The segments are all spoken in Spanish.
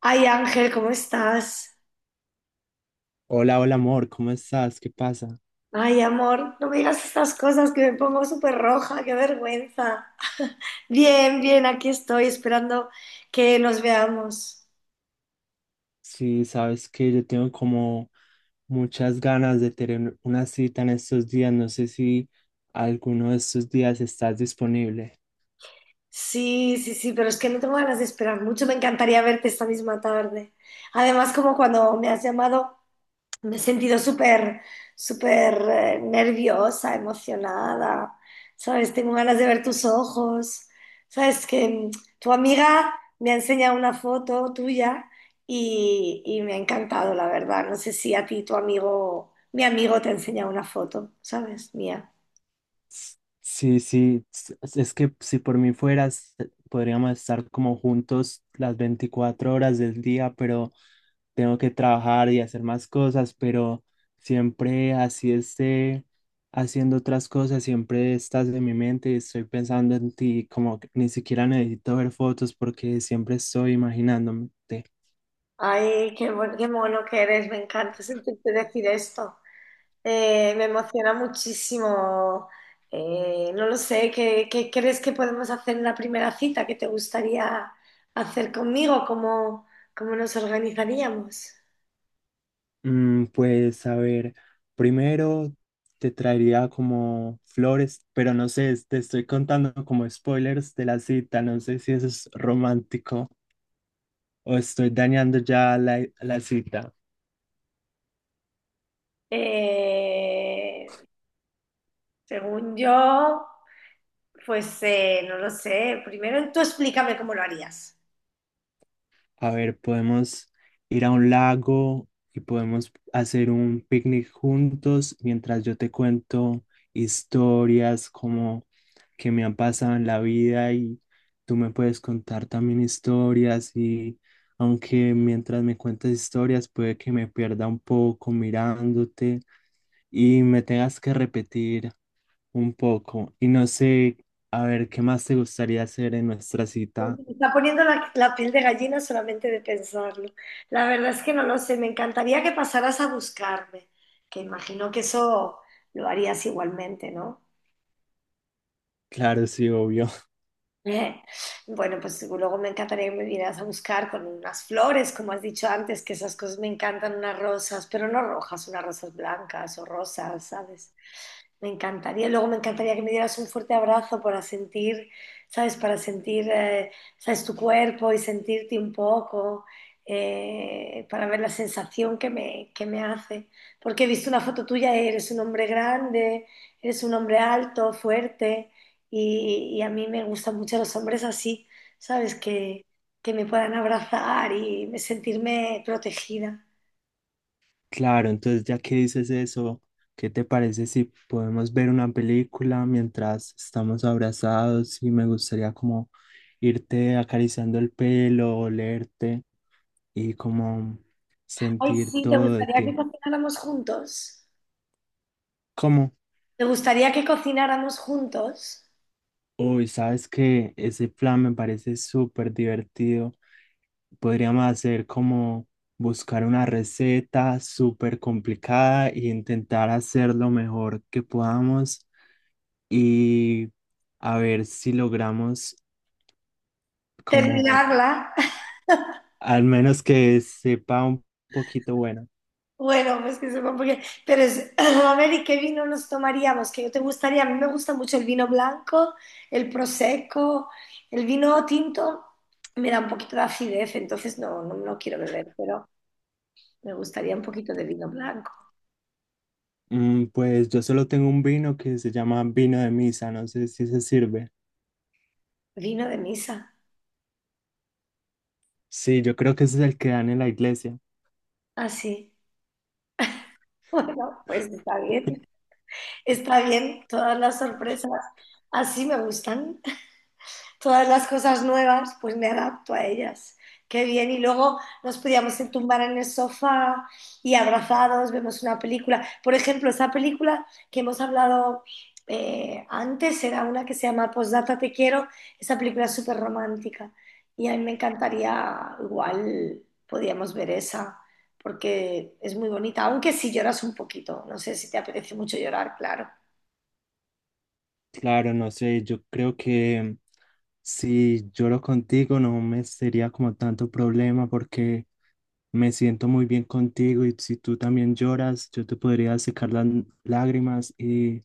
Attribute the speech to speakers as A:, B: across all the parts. A: Ay, Ángel, ¿cómo estás?
B: Hola, hola amor, ¿cómo estás? ¿Qué pasa?
A: Ay, amor, no me digas estas cosas que me pongo súper roja, qué vergüenza. Bien, bien, aquí estoy esperando que nos veamos.
B: Sí, sabes que yo tengo como muchas ganas de tener una cita en estos días. No sé si alguno de estos días estás disponible.
A: Sí, sí, sí, pero es que no tengo ganas de esperar mucho, me encantaría verte esta misma tarde. Además, como cuando me has llamado, me he sentido súper, súper nerviosa, emocionada, ¿sabes? Tengo ganas de ver tus ojos, ¿sabes? Que tu amiga me ha enseñado una foto tuya y me ha encantado, la verdad. No sé si a ti tu amigo, mi amigo te ha enseñado una foto, ¿sabes? Mía.
B: Sí, es que si por mí fueras, podríamos estar como juntos las 24 horas del día, pero tengo que trabajar y hacer más cosas, pero siempre así esté haciendo otras cosas, siempre estás en mi mente y estoy pensando en ti, como que ni siquiera necesito ver fotos porque siempre estoy imaginándote.
A: Ay, qué, qué mono que eres, me encanta sentirte decir esto. Me emociona muchísimo. No lo sé, ¿qué, qué crees que podemos hacer en la primera cita? ¿Qué te gustaría hacer conmigo? ¿Cómo, cómo nos organizaríamos?
B: Pues a ver, primero te traería como flores, pero no sé, te estoy contando como spoilers de la cita, no sé si eso es romántico o estoy dañando ya la cita.
A: Eh, Según yo, pues no lo sé. Primero tú explícame cómo lo harías.
B: A ver, podemos ir a un lago y podemos hacer un picnic juntos mientras yo te cuento historias como que me han pasado en la vida y tú me puedes contar también historias y aunque mientras me cuentas historias puede que me pierda un poco mirándote y me tengas que repetir un poco y no sé, a ver, ¿qué más te gustaría hacer en nuestra cita?
A: Me está poniendo la piel de gallina solamente de pensarlo. La verdad es que no lo sé. Me encantaría que pasaras a buscarme, que imagino que eso lo harías igualmente, ¿no?
B: Claro, sí, obvio.
A: Eh, Bueno, pues luego me encantaría que me vinieras a buscar con unas flores, como has dicho antes, que esas cosas me encantan, unas rosas, pero no rojas, unas rosas blancas o rosas, ¿sabes? Me encantaría. Luego me encantaría que me dieras un fuerte abrazo para sentir, ¿sabes? Para sentir, ¿sabes? Tu cuerpo y sentirte un poco, para ver la sensación que me hace. Porque he visto una foto tuya, eres un hombre grande, eres un hombre alto, fuerte. Y a mí me gustan mucho los hombres así, ¿sabes? Que me puedan abrazar y sentirme protegida.
B: Claro, entonces ya que dices eso, ¿qué te parece si podemos ver una película mientras estamos abrazados y me gustaría como irte acariciando el pelo, olerte y como
A: Ay,
B: sentir
A: sí, ¿te
B: todo de
A: gustaría que
B: ti?
A: cocináramos juntos?
B: ¿Cómo?
A: ¿Te gustaría que cocináramos juntos?
B: Uy, sabes que ese plan me parece súper divertido. Podríamos hacer como buscar una receta súper complicada e intentar hacer lo mejor que podamos y a ver si logramos como
A: Terminarla.
B: al menos que sepa un poquito bueno.
A: Bueno, pues que sepa porque... Pero es... A ver, ¿y qué vino nos tomaríamos? ¿Qué te gustaría? A mí me gusta mucho el vino blanco, el prosecco, el vino tinto. Me da un poquito de acidez, entonces no, no, no quiero beber, pero me gustaría un poquito de vino blanco.
B: Pues yo solo tengo un vino que se llama vino de misa, no sé si se sirve.
A: Vino de misa.
B: Sí, yo creo que ese es el que dan en la iglesia.
A: Así. Bueno, pues está bien. Está bien. Todas las sorpresas así me gustan. Todas las cosas nuevas, pues me adapto a ellas. Qué bien. Y luego nos podíamos tumbar en el sofá y abrazados, vemos una película. Por ejemplo, esa película que hemos hablado antes era una que se llama Postdata Te Quiero. Esa película es súper romántica. Y a mí me encantaría, igual podíamos ver esa, porque es muy bonita. Aunque si lloras un poquito, no sé si te apetece mucho llorar, claro.
B: Claro, no sé, yo creo que si yo lo contigo no me sería como tanto problema porque me siento muy bien contigo y si tú también lloras, yo te podría secar las lágrimas y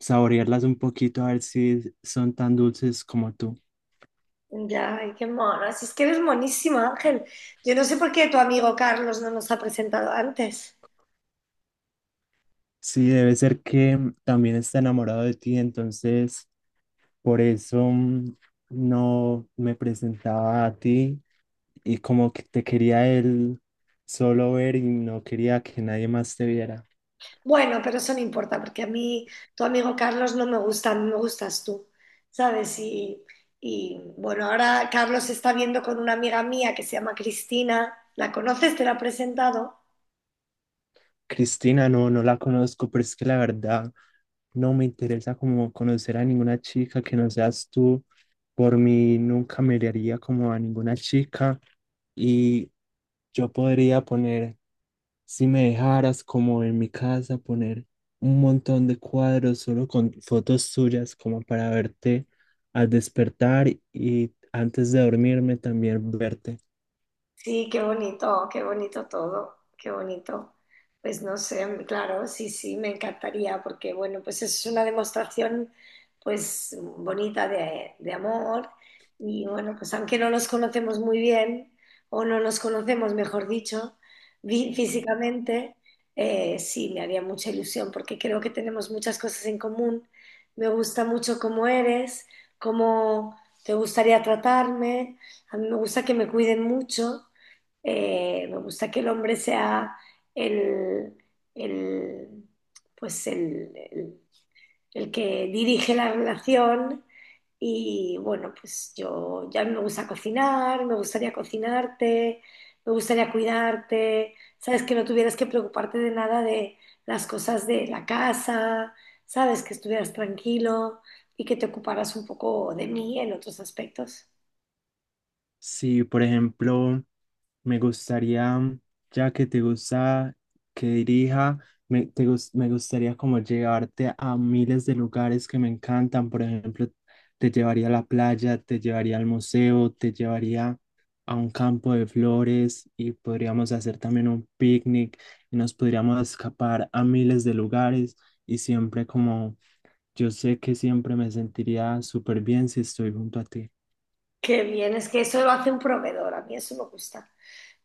B: saborearlas un poquito a ver si son tan dulces como tú.
A: Ya, ay, qué mona. Si es que eres monísimo, Ángel. Yo no sé por qué tu amigo Carlos no nos ha presentado antes.
B: Sí, debe ser que también está enamorado de ti, entonces por eso no me presentaba a ti y como que te quería él solo ver y no quería que nadie más te viera.
A: Bueno, pero eso no importa, porque a mí tu amigo Carlos no me gusta, a mí me gustas tú, ¿sabes? Y bueno, ahora Carlos está viendo con una amiga mía que se llama Cristina. ¿La conoces? ¿Te la ha presentado?
B: Cristina, no, no la conozco, pero es que la verdad no me interesa como conocer a ninguna chica que no seas tú. Por mí nunca me daría como a ninguna chica y yo podría poner, si me dejaras como en mi casa, poner un montón de cuadros solo con fotos tuyas como para verte al despertar y antes de dormirme también verte.
A: Sí, qué bonito todo, qué bonito. Pues no sé, claro, sí, sí, me encantaría porque, bueno, pues es una demostración, pues, bonita de amor y, bueno, pues aunque no nos conocemos muy bien o no nos conocemos, mejor dicho, físicamente, sí, me haría mucha ilusión porque creo que tenemos muchas cosas en común. Me gusta mucho cómo eres, cómo te gustaría tratarme, a mí me gusta que me cuiden mucho. Me gusta que el hombre sea el, el, pues el, el que dirige la relación. Y bueno, pues yo ya no me gusta cocinar, me gustaría cocinarte, me gustaría cuidarte, sabes que no tuvieras que preocuparte de nada de las cosas de la casa, sabes que estuvieras tranquilo y que te ocuparas un poco de mí en otros aspectos.
B: Si, por ejemplo, me gustaría, ya que te gusta que dirija, me gustaría como llevarte a miles de lugares que me encantan. Por ejemplo, te llevaría a la playa, te llevaría al museo, te llevaría a un campo de flores y podríamos hacer también un picnic y nos podríamos escapar a miles de lugares y siempre como yo sé que siempre me sentiría súper bien si estoy junto a ti.
A: Qué bien, es que eso lo hace un proveedor, a mí eso me gusta.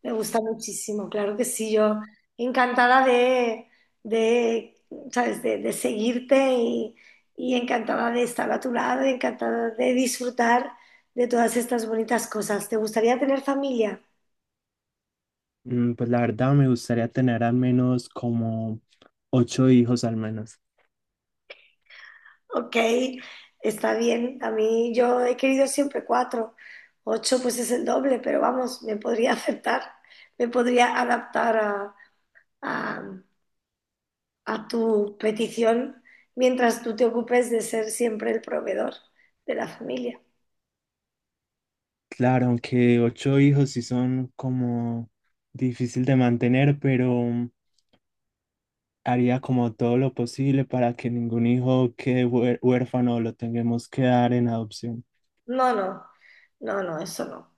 A: Me gusta muchísimo, claro que sí, yo encantada de, ¿sabes? De seguirte y encantada de estar a tu lado, encantada de disfrutar de todas estas bonitas cosas. ¿Te gustaría tener familia?
B: Pues la verdad me gustaría tener al menos como 8 hijos al menos.
A: Ok, está bien. A mí yo he querido siempre cuatro, ocho pues es el doble, pero vamos, me podría aceptar, me podría adaptar a, a- a tu petición mientras tú te ocupes de ser siempre el proveedor de la familia.
B: Claro, aunque 8 hijos sí son como difícil de mantener, pero haría como todo lo posible para que ningún hijo quede huérfano o lo tengamos que dar en adopción.
A: No, no, no, no, eso no.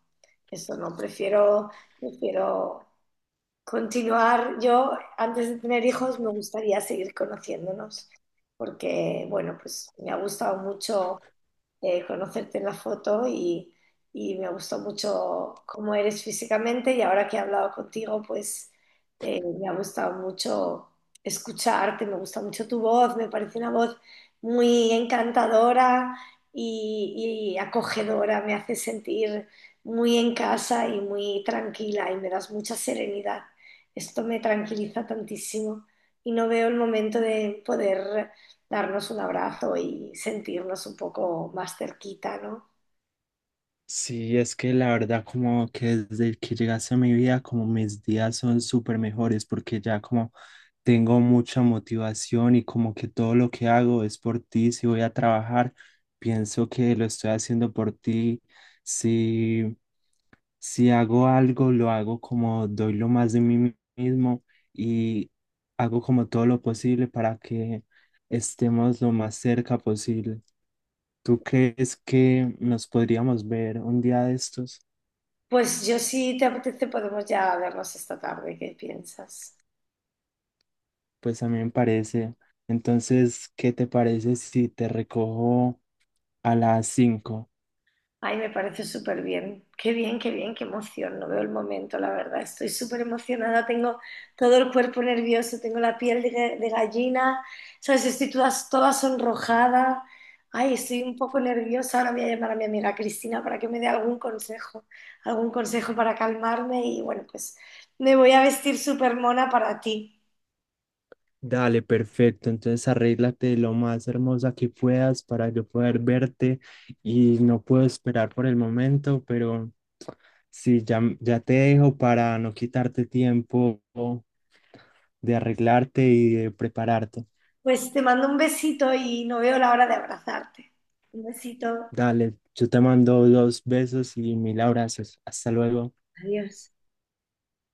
A: Eso no, prefiero, prefiero continuar. Yo, antes de tener hijos, me gustaría seguir conociéndonos, porque, bueno, pues me ha gustado mucho conocerte en la foto y me gustó mucho cómo eres físicamente y ahora que he hablado contigo, pues me ha gustado mucho escucharte, me gusta mucho tu voz, me parece una voz muy encantadora y acogedora, me hace sentir muy en casa y muy tranquila y me das mucha serenidad. Esto me tranquiliza tantísimo y no veo el momento de poder darnos un abrazo y sentirnos un poco más cerquita, ¿no?
B: Sí, es que la verdad como que desde que llegase a mi vida como mis días son súper mejores porque ya como tengo mucha motivación y como que todo lo que hago es por ti. Si voy a trabajar, pienso que lo estoy haciendo por ti. Si, si hago algo, lo hago como doy lo más de mí mismo y hago como todo lo posible para que estemos lo más cerca posible. ¿Tú crees que nos podríamos ver un día de estos?
A: Pues yo, si te apetece, podemos ya vernos esta tarde. ¿Qué piensas?
B: Pues a mí me parece. Entonces, ¿qué te parece si te recojo a las 5:00?
A: Ay, me parece súper bien. Qué bien, qué bien, qué emoción. No veo el momento, la verdad. Estoy súper emocionada. Tengo todo el cuerpo nervioso, tengo la piel de, de gallina, ¿sabes? Estoy toda, toda sonrojada. Ay, estoy un poco nerviosa. Ahora voy a llamar a mi amiga Cristina para que me dé algún consejo para calmarme. Y bueno, pues me voy a vestir súper mona para ti.
B: Dale, perfecto. Entonces arréglate lo más hermosa que puedas para yo poder verte y no puedo esperar por el momento, pero sí, ya te dejo para no quitarte tiempo de arreglarte y de prepararte.
A: Pues te mando un besito y no veo la hora de abrazarte. Un besito.
B: Dale, yo te mando 2 besos y 1000 abrazos. Hasta luego.
A: Adiós.